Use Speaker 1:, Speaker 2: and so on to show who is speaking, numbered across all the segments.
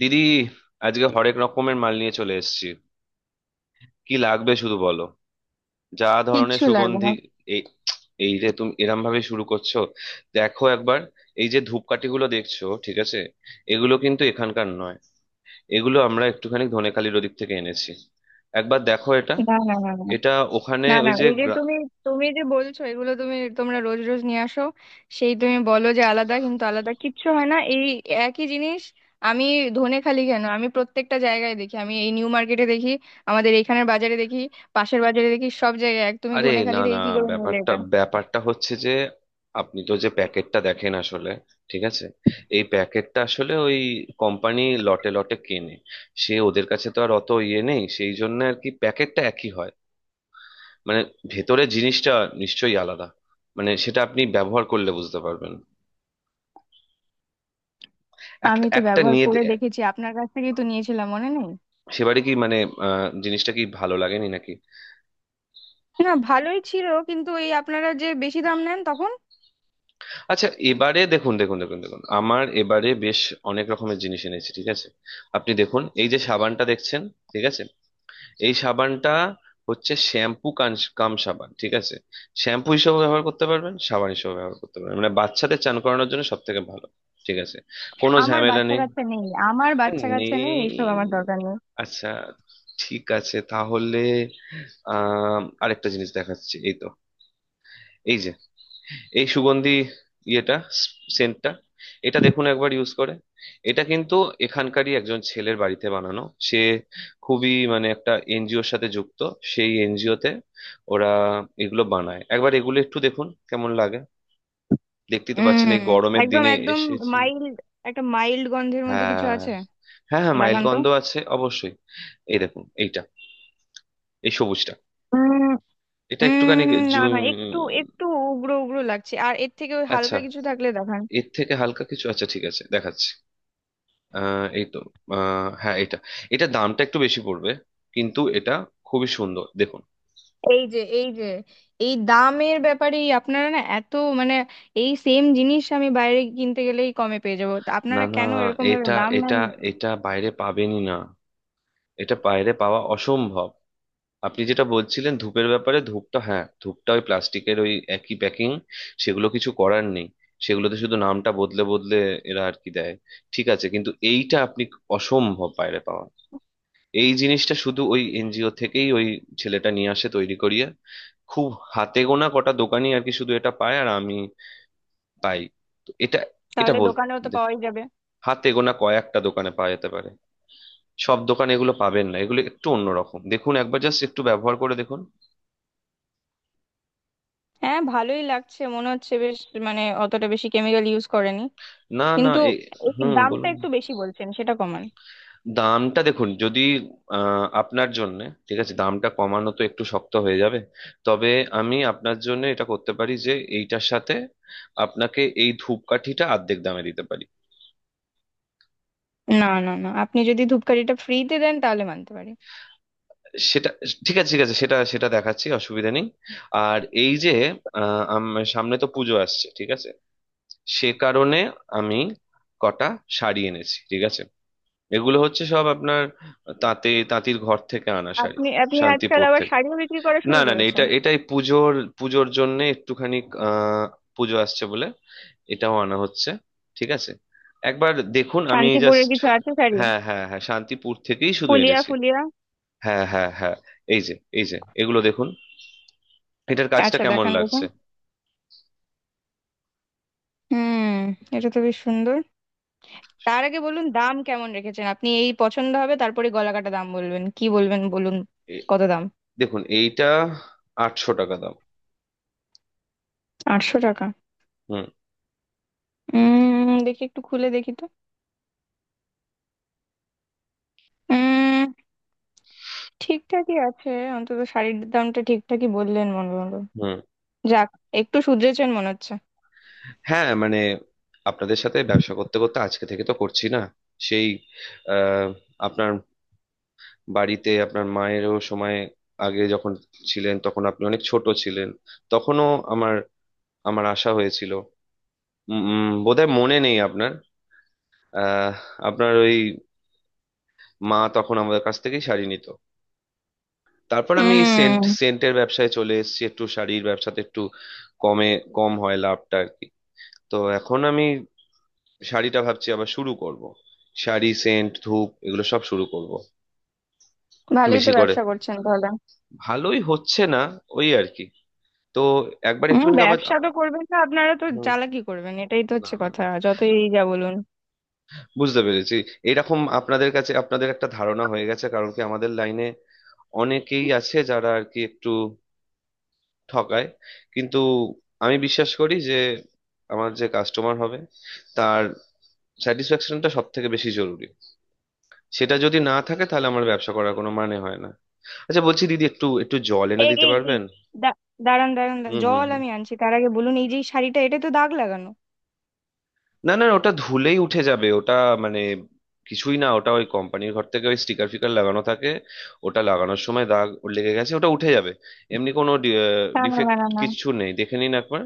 Speaker 1: দিদি, আজকে হরেক রকমের মাল নিয়ে চলে এসেছি। কি লাগবে শুধু বলো। যা ধরনের
Speaker 2: কিচ্ছু লাগবে
Speaker 1: সুগন্ধি। এই এই রে, তুমি এরম ভাবে শুরু করছো? দেখো একবার। এই যে ধূপকাঠি গুলো দেখছো, ঠিক আছে? এগুলো কিন্তু এখানকার নয়। এগুলো আমরা একটুখানি ধনেখালির ওদিক থেকে এনেছি। একবার দেখো এটা।
Speaker 2: না। না না না না
Speaker 1: এটা ওখানে
Speaker 2: না না
Speaker 1: ওই যে।
Speaker 2: এই যে তুমি তুমি যে বলছো এগুলো তুমি তোমরা রোজ রোজ নিয়ে আসো, সেই তুমি বলো যে আলাদা, কিন্তু আলাদা কিচ্ছু হয় না। এই একই জিনিস। আমি ধনেখালি কেন, আমি প্রত্যেকটা জায়গায় দেখি, আমি এই নিউ মার্কেটে দেখি, আমাদের এখানের বাজারে দেখি, পাশের বাজারে দেখি, সব জায়গায় এক। তুমি
Speaker 1: আরে না
Speaker 2: ধনেখালি
Speaker 1: না,
Speaker 2: থেকে কি করে নিলে
Speaker 1: ব্যাপারটা
Speaker 2: এটা?
Speaker 1: ব্যাপারটা হচ্ছে যে আপনি তো যে প্যাকেটটা দেখেন আসলে, ঠিক আছে? এই প্যাকেটটা আসলে ওই কোম্পানি লটে লটে কেনে। সে ওদের কাছে তো আর অত ইয়ে নেই, সেই জন্য আর কি প্যাকেটটা একই হয়। মানে ভেতরে জিনিসটা নিশ্চয়ই আলাদা। মানে সেটা আপনি ব্যবহার করলে বুঝতে পারবেন। একটা
Speaker 2: আমি তো
Speaker 1: একটা
Speaker 2: ব্যবহার
Speaker 1: নিয়ে
Speaker 2: করে দেখেছি, আপনার কাছ থেকেই তো নিয়েছিলাম, মনে নেই?
Speaker 1: সেবারে কি মানে জিনিসটা কি ভালো লাগেনি নাকি?
Speaker 2: না, ভালোই ছিল, কিন্তু এই আপনারা যে বেশি দাম নেন তখন।
Speaker 1: আচ্ছা, এবারে দেখুন দেখুন দেখুন দেখুন, আমার এবারে বেশ অনেক রকমের জিনিস এনেছি, ঠিক আছে? আপনি দেখুন এই যে সাবানটা দেখছেন, ঠিক আছে? এই সাবানটা হচ্ছে শ্যাম্পু কান কাম সাবান, ঠিক আছে? শ্যাম্পু হিসেবে ব্যবহার করতে পারবেন, সাবান হিসেবে ব্যবহার করতে পারবেন, মানে বাচ্চাদের চান করানোর জন্য সব থেকে ভালো, ঠিক আছে? কোনো
Speaker 2: আমার
Speaker 1: ঝামেলা
Speaker 2: বাচ্চা
Speaker 1: নেই।
Speaker 2: কাচ্চা নেই, আমার বাচ্চা কাচ্চা নেই, এইসব
Speaker 1: নেই?
Speaker 2: আমার দরকার নেই।
Speaker 1: আচ্ছা, ঠিক আছে তাহলে। আরেকটা জিনিস দেখাচ্ছি, এই তো। এই যে এই সুগন্ধি, ইয়েটা, সেন্টটা, এটা দেখুন একবার ইউজ করে। এটা কিন্তু এখানকারই একজন ছেলের বাড়িতে বানানো। সে খুবই মানে একটা এনজিওর সাথে যুক্ত। সেই এনজিওতে ওরা এগুলো বানায়। একবার এগুলো একটু দেখুন কেমন লাগে। দেখতেই তো পাচ্ছেন এই
Speaker 2: হুম,
Speaker 1: গরমের
Speaker 2: একদম
Speaker 1: দিনে
Speaker 2: একদম
Speaker 1: এসেছি।
Speaker 2: মাইল্ড, একটা মাইল্ড গন্ধের মধ্যে কিছু
Speaker 1: হ্যাঁ,
Speaker 2: আছে।
Speaker 1: হ্যাঁ মাইল
Speaker 2: দেখান তো।
Speaker 1: গন্ধ আছে অবশ্যই। এই দেখুন এইটা, এই সবুজটা।
Speaker 2: উম,
Speaker 1: এটা একটুখানি
Speaker 2: উম, না
Speaker 1: জু-
Speaker 2: না, একটু একটু উগ্র উগ্র লাগছে, আর এর থেকে ওই
Speaker 1: আচ্ছা,
Speaker 2: হালকা কিছু থাকলে দেখান।
Speaker 1: এর থেকে হালকা কিছু, আচ্ছা ঠিক আছে দেখাচ্ছি। এই তো। হ্যাঁ এটা। এটা দামটা একটু বেশি পড়বে, কিন্তু এটা খুবই সুন্দর দেখুন।
Speaker 2: এই যে, এই দামের ব্যাপারে আপনারা না এত মানে এই সেম জিনিস আমি বাইরে কিনতে গেলেই কমে পেয়ে যাবো, তা
Speaker 1: না
Speaker 2: আপনারা
Speaker 1: না,
Speaker 2: কেন এরকম ভাবে
Speaker 1: এটা
Speaker 2: দাম নেন?
Speaker 1: এটা এটা বাইরে পাবেনই না। এটা বাইরে পাওয়া অসম্ভব। আপনি যেটা বলছিলেন ধূপের ব্যাপারে, ধূপটা, হ্যাঁ ধূপটা ওই প্লাস্টিকের ওই একই প্যাকিং, সেগুলো কিছু করার নেই। সেগুলোতে শুধু নামটা বদলে বদলে এরা আর কি দেয়, ঠিক আছে? কিন্তু এইটা আপনি অসম্ভব বাইরে পাওয়া। এই জিনিসটা শুধু ওই এনজিও থেকেই ওই ছেলেটা নিয়ে আসে তৈরি করিয়ে। খুব হাতে গোনা কটা দোকানি আর কি শুধু এটা পায়, আর আমি পাই। তো এটা এটা
Speaker 2: তাহলে দোকানেও তো
Speaker 1: বলতে
Speaker 2: পাওয়াই যাবে।
Speaker 1: হাতে গোনা কয়েকটা দোকানে পাওয়া যেতে পারে, সব দোকানে এগুলো পাবেন না। এগুলো একটু অন্যরকম দেখুন একবার, জাস্ট একটু ব্যবহার করে দেখুন।
Speaker 2: হ্যাঁ, ভালোই লাগছে, মনে হচ্ছে বেশ, মানে অতটা বেশি কেমিক্যাল ইউজ করেনি।
Speaker 1: না না,
Speaker 2: কিন্তু
Speaker 1: এ
Speaker 2: এই দামটা
Speaker 1: বলুন।
Speaker 2: একটু বেশি বলছেন, সেটা কমান।
Speaker 1: দামটা দেখুন যদি, আপনার জন্য, ঠিক আছে, দামটা কমানো তো একটু শক্ত হয়ে যাবে। তবে আমি আপনার জন্য এটা করতে পারি যে এইটার সাথে আপনাকে এই ধূপকাঠিটা অর্ধেক দামে দিতে পারি।
Speaker 2: না না না, আপনি যদি ধূপকাঠিটা ফ্রিতে দেন তাহলে মানতে পারি।
Speaker 1: সেটা ঠিক আছে, ঠিক আছে, সেটা সেটা দেখাচ্ছি, অসুবিধা নেই। আর এই যে সামনে তো পুজো আসছে, ঠিক আছে? সে কারণে আমি কটা শাড়ি এনেছি, ঠিক আছে? এগুলো হচ্ছে সব আপনার তাঁতে তাঁতির ঘর থেকে আনা শাড়ি,
Speaker 2: আপনি আপনি আজকাল
Speaker 1: শান্তিপুর
Speaker 2: আবার
Speaker 1: থেকে।
Speaker 2: শাড়িও বিক্রি করা
Speaker 1: না
Speaker 2: শুরু
Speaker 1: না না,
Speaker 2: করেছেন?
Speaker 1: এটা এটাই পুজোর, পুজোর জন্য একটুখানি, আহ পুজো আসছে বলে এটাও আনা হচ্ছে, ঠিক আছে? একবার দেখুন আমি
Speaker 2: শান্তিপুরের
Speaker 1: জাস্ট।
Speaker 2: কিছু আছে শাড়ি?
Speaker 1: হ্যাঁ হ্যাঁ হ্যাঁ শান্তিপুর থেকেই শুধু
Speaker 2: ফুলিয়া,
Speaker 1: এনেছি।
Speaker 2: ফুলিয়া?
Speaker 1: হ্যাঁ, হ্যাঁ, হ্যাঁ। এই যে এই যে এগুলো দেখুন, এটার কাজটা
Speaker 2: আচ্ছা
Speaker 1: কেমন
Speaker 2: দেখান, দেখুন।
Speaker 1: লাগছে?
Speaker 2: হুম, এটা তো বেশ সুন্দর। তার আগে বলুন, দাম কেমন রেখেছেন আপনি? এই পছন্দ হবে, তারপরে গলাকাটা দাম বলবেন কি বলবেন, বলুন।
Speaker 1: এ-
Speaker 2: কত দাম?
Speaker 1: দেখুন এইটা 800 টাকা দাম।
Speaker 2: 800 টাকা?
Speaker 1: হুম।
Speaker 2: উম, দেখি একটু খুলে দেখি তো। উম, ঠিকঠাকই আছে। অন্তত শাড়ির দামটা ঠিকঠাকই বললেন মনে হলো।
Speaker 1: হুম।
Speaker 2: যাক, একটু শুধরেছেন মনে হচ্ছে।
Speaker 1: হ্যাঁ মানে আপনাদের সাথে ব্যবসা করতে করতে, আজকে থেকে তো করছি না। সেই আহ আপনার বাড়িতে আপনার মায়েরও সময় আগে যখন ছিলেন, তখন আপনি অনেক ছোট ছিলেন। তখনও আমার আমার আশা হয়েছিল, উম, উম, বোধহয় মনে নেই আপনার। আহ, আপনার ওই মা তখন আমাদের কাছ থেকেই শাড়ি নিত। তারপর আমি এই সেন্ট
Speaker 2: উম।
Speaker 1: সেন্টের ব্যবসায় চলে এসেছি, একটু শাড়ির ব্যবসাতে একটু কমে কম হয় লাভটা আর কি। তো এখন আমি শাড়িটা ভাবছি আবার শুরু করব। শাড়ি, সেন্ট, ধূপ, এগুলো সব শুরু করব
Speaker 2: ভালোই তো
Speaker 1: বেশি করে।
Speaker 2: ব্যবসা করছেন তাহলে।
Speaker 1: ভালোই হচ্ছে না, ওই আর কি। তো একবার
Speaker 2: হম,
Speaker 1: একটুখানি আমার
Speaker 2: ব্যবসা তো করবেন না, আপনারা তো
Speaker 1: হুম,
Speaker 2: চালাকি করবেন, এটাই তো
Speaker 1: না
Speaker 2: হচ্ছে
Speaker 1: না না।
Speaker 2: কথা, যতই এই যা বলুন।
Speaker 1: বুঝতে পেরেছি। এরকম আপনাদের কাছে, আপনাদের একটা ধারণা হয়ে গেছে, কারণ কি আমাদের লাইনে অনেকেই আছে যারা আর কি একটু ঠকায়। কিন্তু আমি বিশ্বাস করি যে আমার যে কাস্টমার হবে, তার স্যাটিসফ্যাকশনটা সব থেকে বেশি জরুরি। সেটা যদি না থাকে তাহলে আমার ব্যবসা করার কোনো মানে হয় না। আচ্ছা, বলছি দিদি, একটু একটু জল এনে
Speaker 2: এই
Speaker 1: দিতে
Speaker 2: এই এই
Speaker 1: পারবেন?
Speaker 2: দা- দাঁড়ান, দাঁড়ান, দাঁড়ান।
Speaker 1: হুম হুম
Speaker 2: জল
Speaker 1: হুম।
Speaker 2: আমি আনছি, তার আগে বলুন এই যে এই শাড়িটা, এটা তো দাগ লাগানো।
Speaker 1: না না, ওটা ধুলেই উঠে যাবে ওটা, মানে কিছুই না। ওটা ওই কোম্পানির ঘর থেকে ওই স্টিকার ফিকার লাগানো থাকে, ওটা লাগানোর সময় দাগ লেগে গেছে। ওটা উঠে যাবে, এমনি কোনো
Speaker 2: না না
Speaker 1: ডিফেক্ট
Speaker 2: না না না
Speaker 1: কিচ্ছু নেই, দেখে নিন একবার।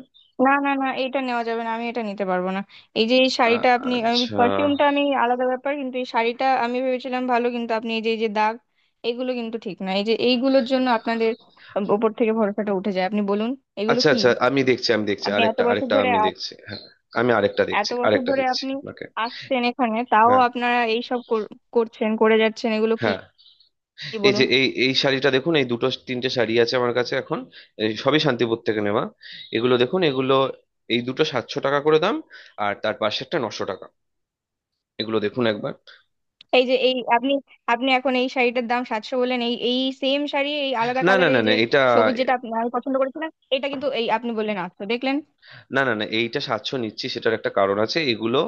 Speaker 2: না না না এটা নেওয়া যাবে না, আমি এটা নিতে পারবো না। এই যে এই শাড়িটা, আমি
Speaker 1: আচ্ছা,
Speaker 2: পারফিউমটা আমি আলাদা ব্যাপার, কিন্তু এই শাড়িটা আমি ভেবেছিলাম ভালো, কিন্তু আপনি এই যে এই যে দাগ, এগুলো কিন্তু ঠিক না। এই যে এইগুলোর জন্য আপনাদের ওপর থেকে ভরসাটা উঠে যায়, আপনি বলুন, এগুলো
Speaker 1: আচ্ছা,
Speaker 2: কি?
Speaker 1: আচ্ছা আমি দেখছি, আমি দেখছি,
Speaker 2: এত
Speaker 1: আরেকটা
Speaker 2: বছর
Speaker 1: আরেকটা
Speaker 2: ধরে,
Speaker 1: আমি দেখছি, হ্যাঁ। আমি আরেকটা
Speaker 2: এত
Speaker 1: দেখছি,
Speaker 2: বছর
Speaker 1: আরেকটা
Speaker 2: ধরে
Speaker 1: দেখছি
Speaker 2: আপনি
Speaker 1: আপনাকে।
Speaker 2: আসছেন এখানে, তাও
Speaker 1: হ্যাঁ,
Speaker 2: আপনারা এইসব করছেন, করে যাচ্ছেন, এগুলো কি?
Speaker 1: হ্যাঁ।
Speaker 2: কি
Speaker 1: এই যে
Speaker 2: বলুন।
Speaker 1: এই এই শাড়িটা দেখুন, এই দুটো তিনটে শাড়ি আছে আমার কাছে এখন। এই সবই শান্তিপুর থেকে নেওয়া। এগুলো দেখুন, এগুলো এই দুটো 700 টাকা করে দাম, আর তার পাশেরটা 900 টাকা। এগুলো দেখুন একবার।
Speaker 2: এই যে এই আপনি, এখন এই শাড়িটার দাম 700 বললেন, এই এই সেম শাড়ি এই আলাদা
Speaker 1: না না
Speaker 2: কালারে,
Speaker 1: না
Speaker 2: এই
Speaker 1: না,
Speaker 2: যে
Speaker 1: এটা
Speaker 2: সবুজ যেটা আমি পছন্দ করেছিলাম এটা, কিন্তু এই আপনি বললেন 800, দেখলেন?
Speaker 1: না না না, এইটা সাতশো নিচ্ছি সেটার একটা কারণ আছে। এগুলো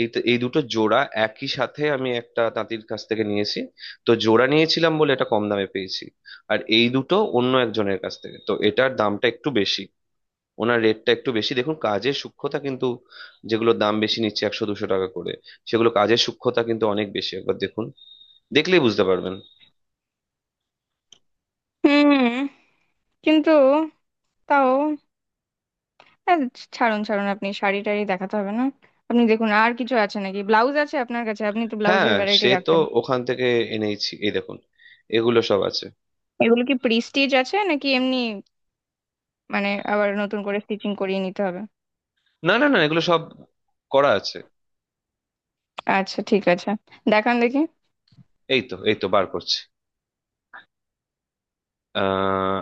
Speaker 1: এই এই দুটো জোড়া একই সাথে আমি একটা তাঁতির কাছ থেকে নিয়েছি। তো জোড়া নিয়েছিলাম বলে এটা কম দামে পেয়েছি। আর এই দুটো অন্য একজনের কাছ থেকে, তো এটার দামটা একটু বেশি। ওনার রেটটা একটু বেশি দেখুন, কাজের সূক্ষ্মতা কিন্তু। যেগুলো দাম বেশি নিচ্ছে 100-200 টাকা করে, সেগুলো কাজের সূক্ষ্মতা কিন্তু অনেক বেশি, একবার দেখুন, দেখলেই বুঝতে পারবেন।
Speaker 2: হুম, কিন্তু তাও আহ, ছাড়ুন ছাড়ুন, আপনি শাড়ি টাড়ি দেখাতে হবে না। আপনি দেখুন আর কিছু আছে নাকি, ব্লাউজ আছে আপনার কাছে? আপনি তো
Speaker 1: হ্যাঁ,
Speaker 2: ব্লাউজের ভ্যারাইটি
Speaker 1: সে তো
Speaker 2: রাখতেন।
Speaker 1: ওখান থেকে এনেইছি, এই দেখুন, এগুলো সব আছে।
Speaker 2: এগুলো কি প্রিস্টিজ আছে নাকি এমনি, মানে আবার নতুন করে স্টিচিং করিয়ে নিতে হবে?
Speaker 1: না না না, এগুলো সব করা আছে।
Speaker 2: আচ্ছা ঠিক আছে, দেখান দেখি।
Speaker 1: এই তো এই তো বার করছি। আহ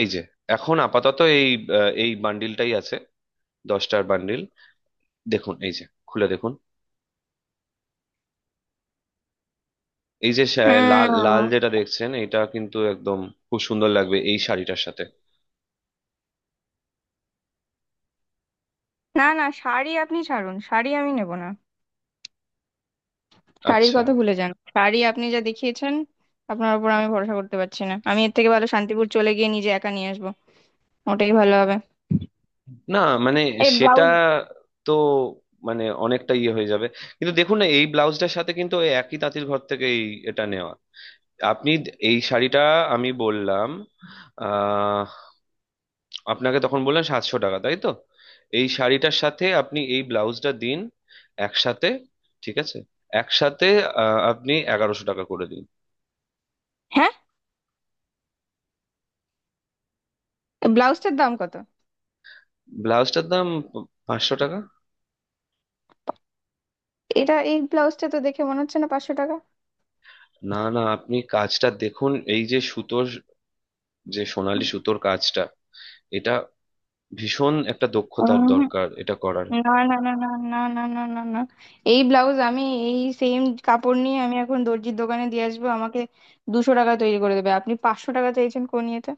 Speaker 1: এই যে, এখন আপাতত এই এই বান্ডিলটাই আছে, 10টার বান্ডিল। দেখুন এই যে, খুলে দেখুন, এই যে লাল লাল
Speaker 2: উম,
Speaker 1: যেটা দেখছেন, এটা কিন্তু একদম খুব সুন্দর লাগবে এই শাড়িটার সাথে।
Speaker 2: না না, শাড়ি আপনি ছাড়ুন, শাড়ি আমি নেব না। শাড়ির
Speaker 1: আচ্ছা,
Speaker 2: কথা ভুলে যান। শাড়ি আপনি যা দেখিয়েছেন, আপনার উপর আমি ভরসা করতে পারছি না। আমি এর থেকে ভালো শান্তিপুর চলে গিয়ে নিজে একা নিয়ে আসবো, ওটাই ভালো হবে।
Speaker 1: না মানে
Speaker 2: এই
Speaker 1: সেটা
Speaker 2: ব্লাউজ,
Speaker 1: তো মানে অনেকটা ইয়ে হয়ে যাবে, কিন্তু দেখুন না, এই ব্লাউজটার সাথে কিন্তু ওই একই তাঁতির ঘর থেকে এই এটা নেওয়া। আপনি এই শাড়িটা আমি বললাম আপনাকে তখন, বললেন 700 টাকা, তাই তো? এই শাড়িটার সাথে আপনি এই ব্লাউজটা দিন একসাথে, ঠিক আছে, একসাথে, আপনি 1100 টাকা করে দিন।
Speaker 2: হ্যাঁ, এই ব্লাউজটার দাম কত?
Speaker 1: ব্লাউজটার দাম 500 টাকা।
Speaker 2: এটা, এই ব্লাউজটা তো দেখে মনে হচ্ছে না 500 টাকা।
Speaker 1: না না, আপনি কাজটা দেখুন, এই যে সুতোর, যে সোনালী সুতোর কাজটা, এটা ভীষণ একটা দক্ষতার
Speaker 2: উম,
Speaker 1: দরকার এটা করার।
Speaker 2: না না না না না না না না না এই ব্লাউজ আমি, এই সেম কাপড় নিয়ে আমি এখন দর্জির দোকানে দিয়ে আসবো, আমাকে 200 টাকা তৈরি করে দেবে, আপনি 500 টাকা চাইছেন কোন ইয়েতে?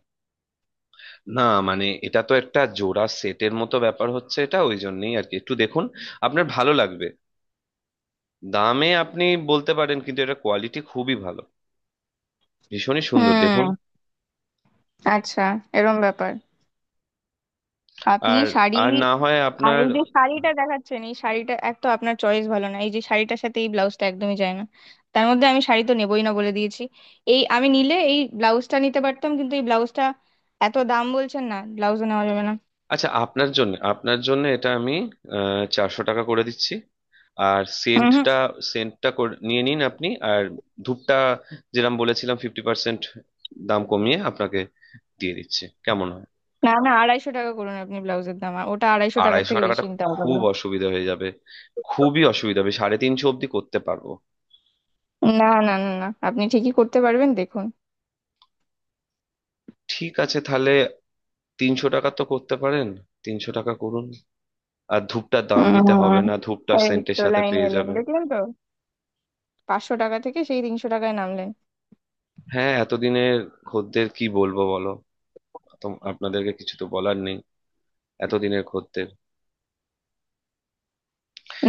Speaker 1: না মানে, এটা তো একটা জোড়া সেটের মতো ব্যাপার হচ্ছে, এটা ওই জন্যই আর কি, একটু দেখুন আপনার ভালো লাগবে। দামে আপনি বলতে পারেন, কিন্তু এটা কোয়ালিটি খুবই ভালো, ভীষণই সুন্দর দেখুন।
Speaker 2: হুম। আচ্ছা, এরম ব্যাপার। আপনি
Speaker 1: আর
Speaker 2: শাড়ি
Speaker 1: আর না হয়
Speaker 2: আর
Speaker 1: আপনার
Speaker 2: এই যে শাড়িটা দেখাচ্ছেন, এই শাড়িটা, এক তো আপনার চয়েস ভালো না, এই যে শাড়িটার সাথে এই ব্লাউজটা একদমই যায় না। তার মধ্যে আমি শাড়ি তো নেবই না বলে দিয়েছি। এই আমি নিলে এই ব্লাউজটা নিতে পারতাম, কিন্তু এই ব্লাউজটা এত দাম বলছেন, না, ব্লাউজও নেওয়া যাবে না।
Speaker 1: আচ্ছা, আপনার জন্য, আপনার জন্য এটা আমি 400 টাকা করে দিচ্ছি। আর
Speaker 2: হুম, হুম।
Speaker 1: সেন্টটা, সেন্টটা নিয়ে নিন আপনি, আর ধূপটা যেরকম বলেছিলাম 50% দাম কমিয়ে আপনাকে দিয়ে দিচ্ছি, কেমন হয়?
Speaker 2: না না, 250 টাকা করুন আপনি ব্লাউজের দাম, আর ওটা 250 টাকার
Speaker 1: আড়াইশো
Speaker 2: থেকে
Speaker 1: টাকাটা
Speaker 2: বেশি নিতে পারবো
Speaker 1: খুব
Speaker 2: না।
Speaker 1: অসুবিধা হয়ে যাবে, খুবই অসুবিধা হবে, 350 অবধি করতে পারবো।
Speaker 2: না না না না, আপনি ঠিকই করতে পারবেন, দেখুন।
Speaker 1: ঠিক আছে তাহলে 300 টাকা তো করতে পারেন, 300 টাকা করুন, আর ধূপটার দাম দিতে হবে
Speaker 2: হুম,
Speaker 1: না, ধূপটা
Speaker 2: এই
Speaker 1: সেন্টের
Speaker 2: তো
Speaker 1: সাথে
Speaker 2: লাইনে
Speaker 1: পেয়ে
Speaker 2: এলেন,
Speaker 1: যাবেন।
Speaker 2: দেখলেন তো, 500 টাকা থেকে সেই 300 টাকায় নামলেন।
Speaker 1: হ্যাঁ, এতদিনের খদ্দের, কি বলবো বলো, আপনাদেরকে কিছু তো বলার নেই, এতদিনের খদ্দের।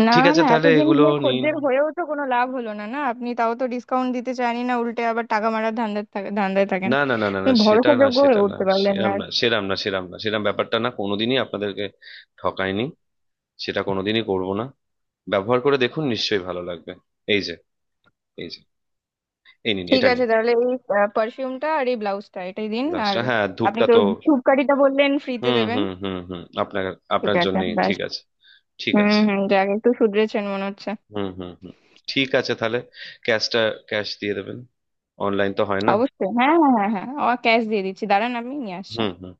Speaker 2: না
Speaker 1: ঠিক আছে
Speaker 2: না,
Speaker 1: তাহলে
Speaker 2: এতদিন
Speaker 1: এগুলো
Speaker 2: নিয়ে
Speaker 1: নিন।
Speaker 2: খদ্দের হয়েও তো কোনো লাভ হলো না। না, আপনি তাও তো ডিসকাউন্ট দিতে চাইনি, না উল্টে আবার টাকা মারার ধান্দায় থাকেন।
Speaker 1: না না না না
Speaker 2: আপনি
Speaker 1: না, সেটা না,
Speaker 2: ভরসাযোগ্য
Speaker 1: সেটা
Speaker 2: হয়ে
Speaker 1: না,
Speaker 2: উঠতে পারলেন না
Speaker 1: সেরাম
Speaker 2: আর।
Speaker 1: না, সেরাম না, সেরাম না, সেরাম ব্যাপারটা না, কোনোদিনই আপনাদেরকে ঠকায়নি, সেটা কোনোদিনই করব না। ব্যবহার করে দেখুন, নিশ্চয়ই ভালো লাগবে। এই যে, এই যে, এই নিন,
Speaker 2: ঠিক
Speaker 1: এটা
Speaker 2: আছে,
Speaker 1: নিন।
Speaker 2: তাহলে এই পারফিউমটা আর এই ব্লাউজটা এটাই দিন। আর
Speaker 1: গ্লাসটা, হ্যাঁ,
Speaker 2: আপনি
Speaker 1: ধূপটা
Speaker 2: তো
Speaker 1: তো
Speaker 2: ধূপকাঠিটা বললেন ফ্রিতে
Speaker 1: হুম
Speaker 2: দেবেন।
Speaker 1: হুম হুম হুম, আপনার,
Speaker 2: ঠিক
Speaker 1: আপনার
Speaker 2: আছে,
Speaker 1: জন্যই,
Speaker 2: ব্যাস।
Speaker 1: ঠিক আছে। ঠিক
Speaker 2: হুম
Speaker 1: আছে।
Speaker 2: হুম, যাক, একটু শুধরেছেন মনে হচ্ছে।
Speaker 1: হুম হুম হুম। ঠিক আছে তাহলে, ক্যাশটা, ক্যাশ দিয়ে দেবেন, অনলাইন তো হয় না।
Speaker 2: অবশ্যই, হ্যাঁ হ্যাঁ হ্যাঁ হ্যাঁ, ক্যাশ দিয়ে দিচ্ছি, দাঁড়ান আমি নিয়ে আসছি।
Speaker 1: হুম, হুম।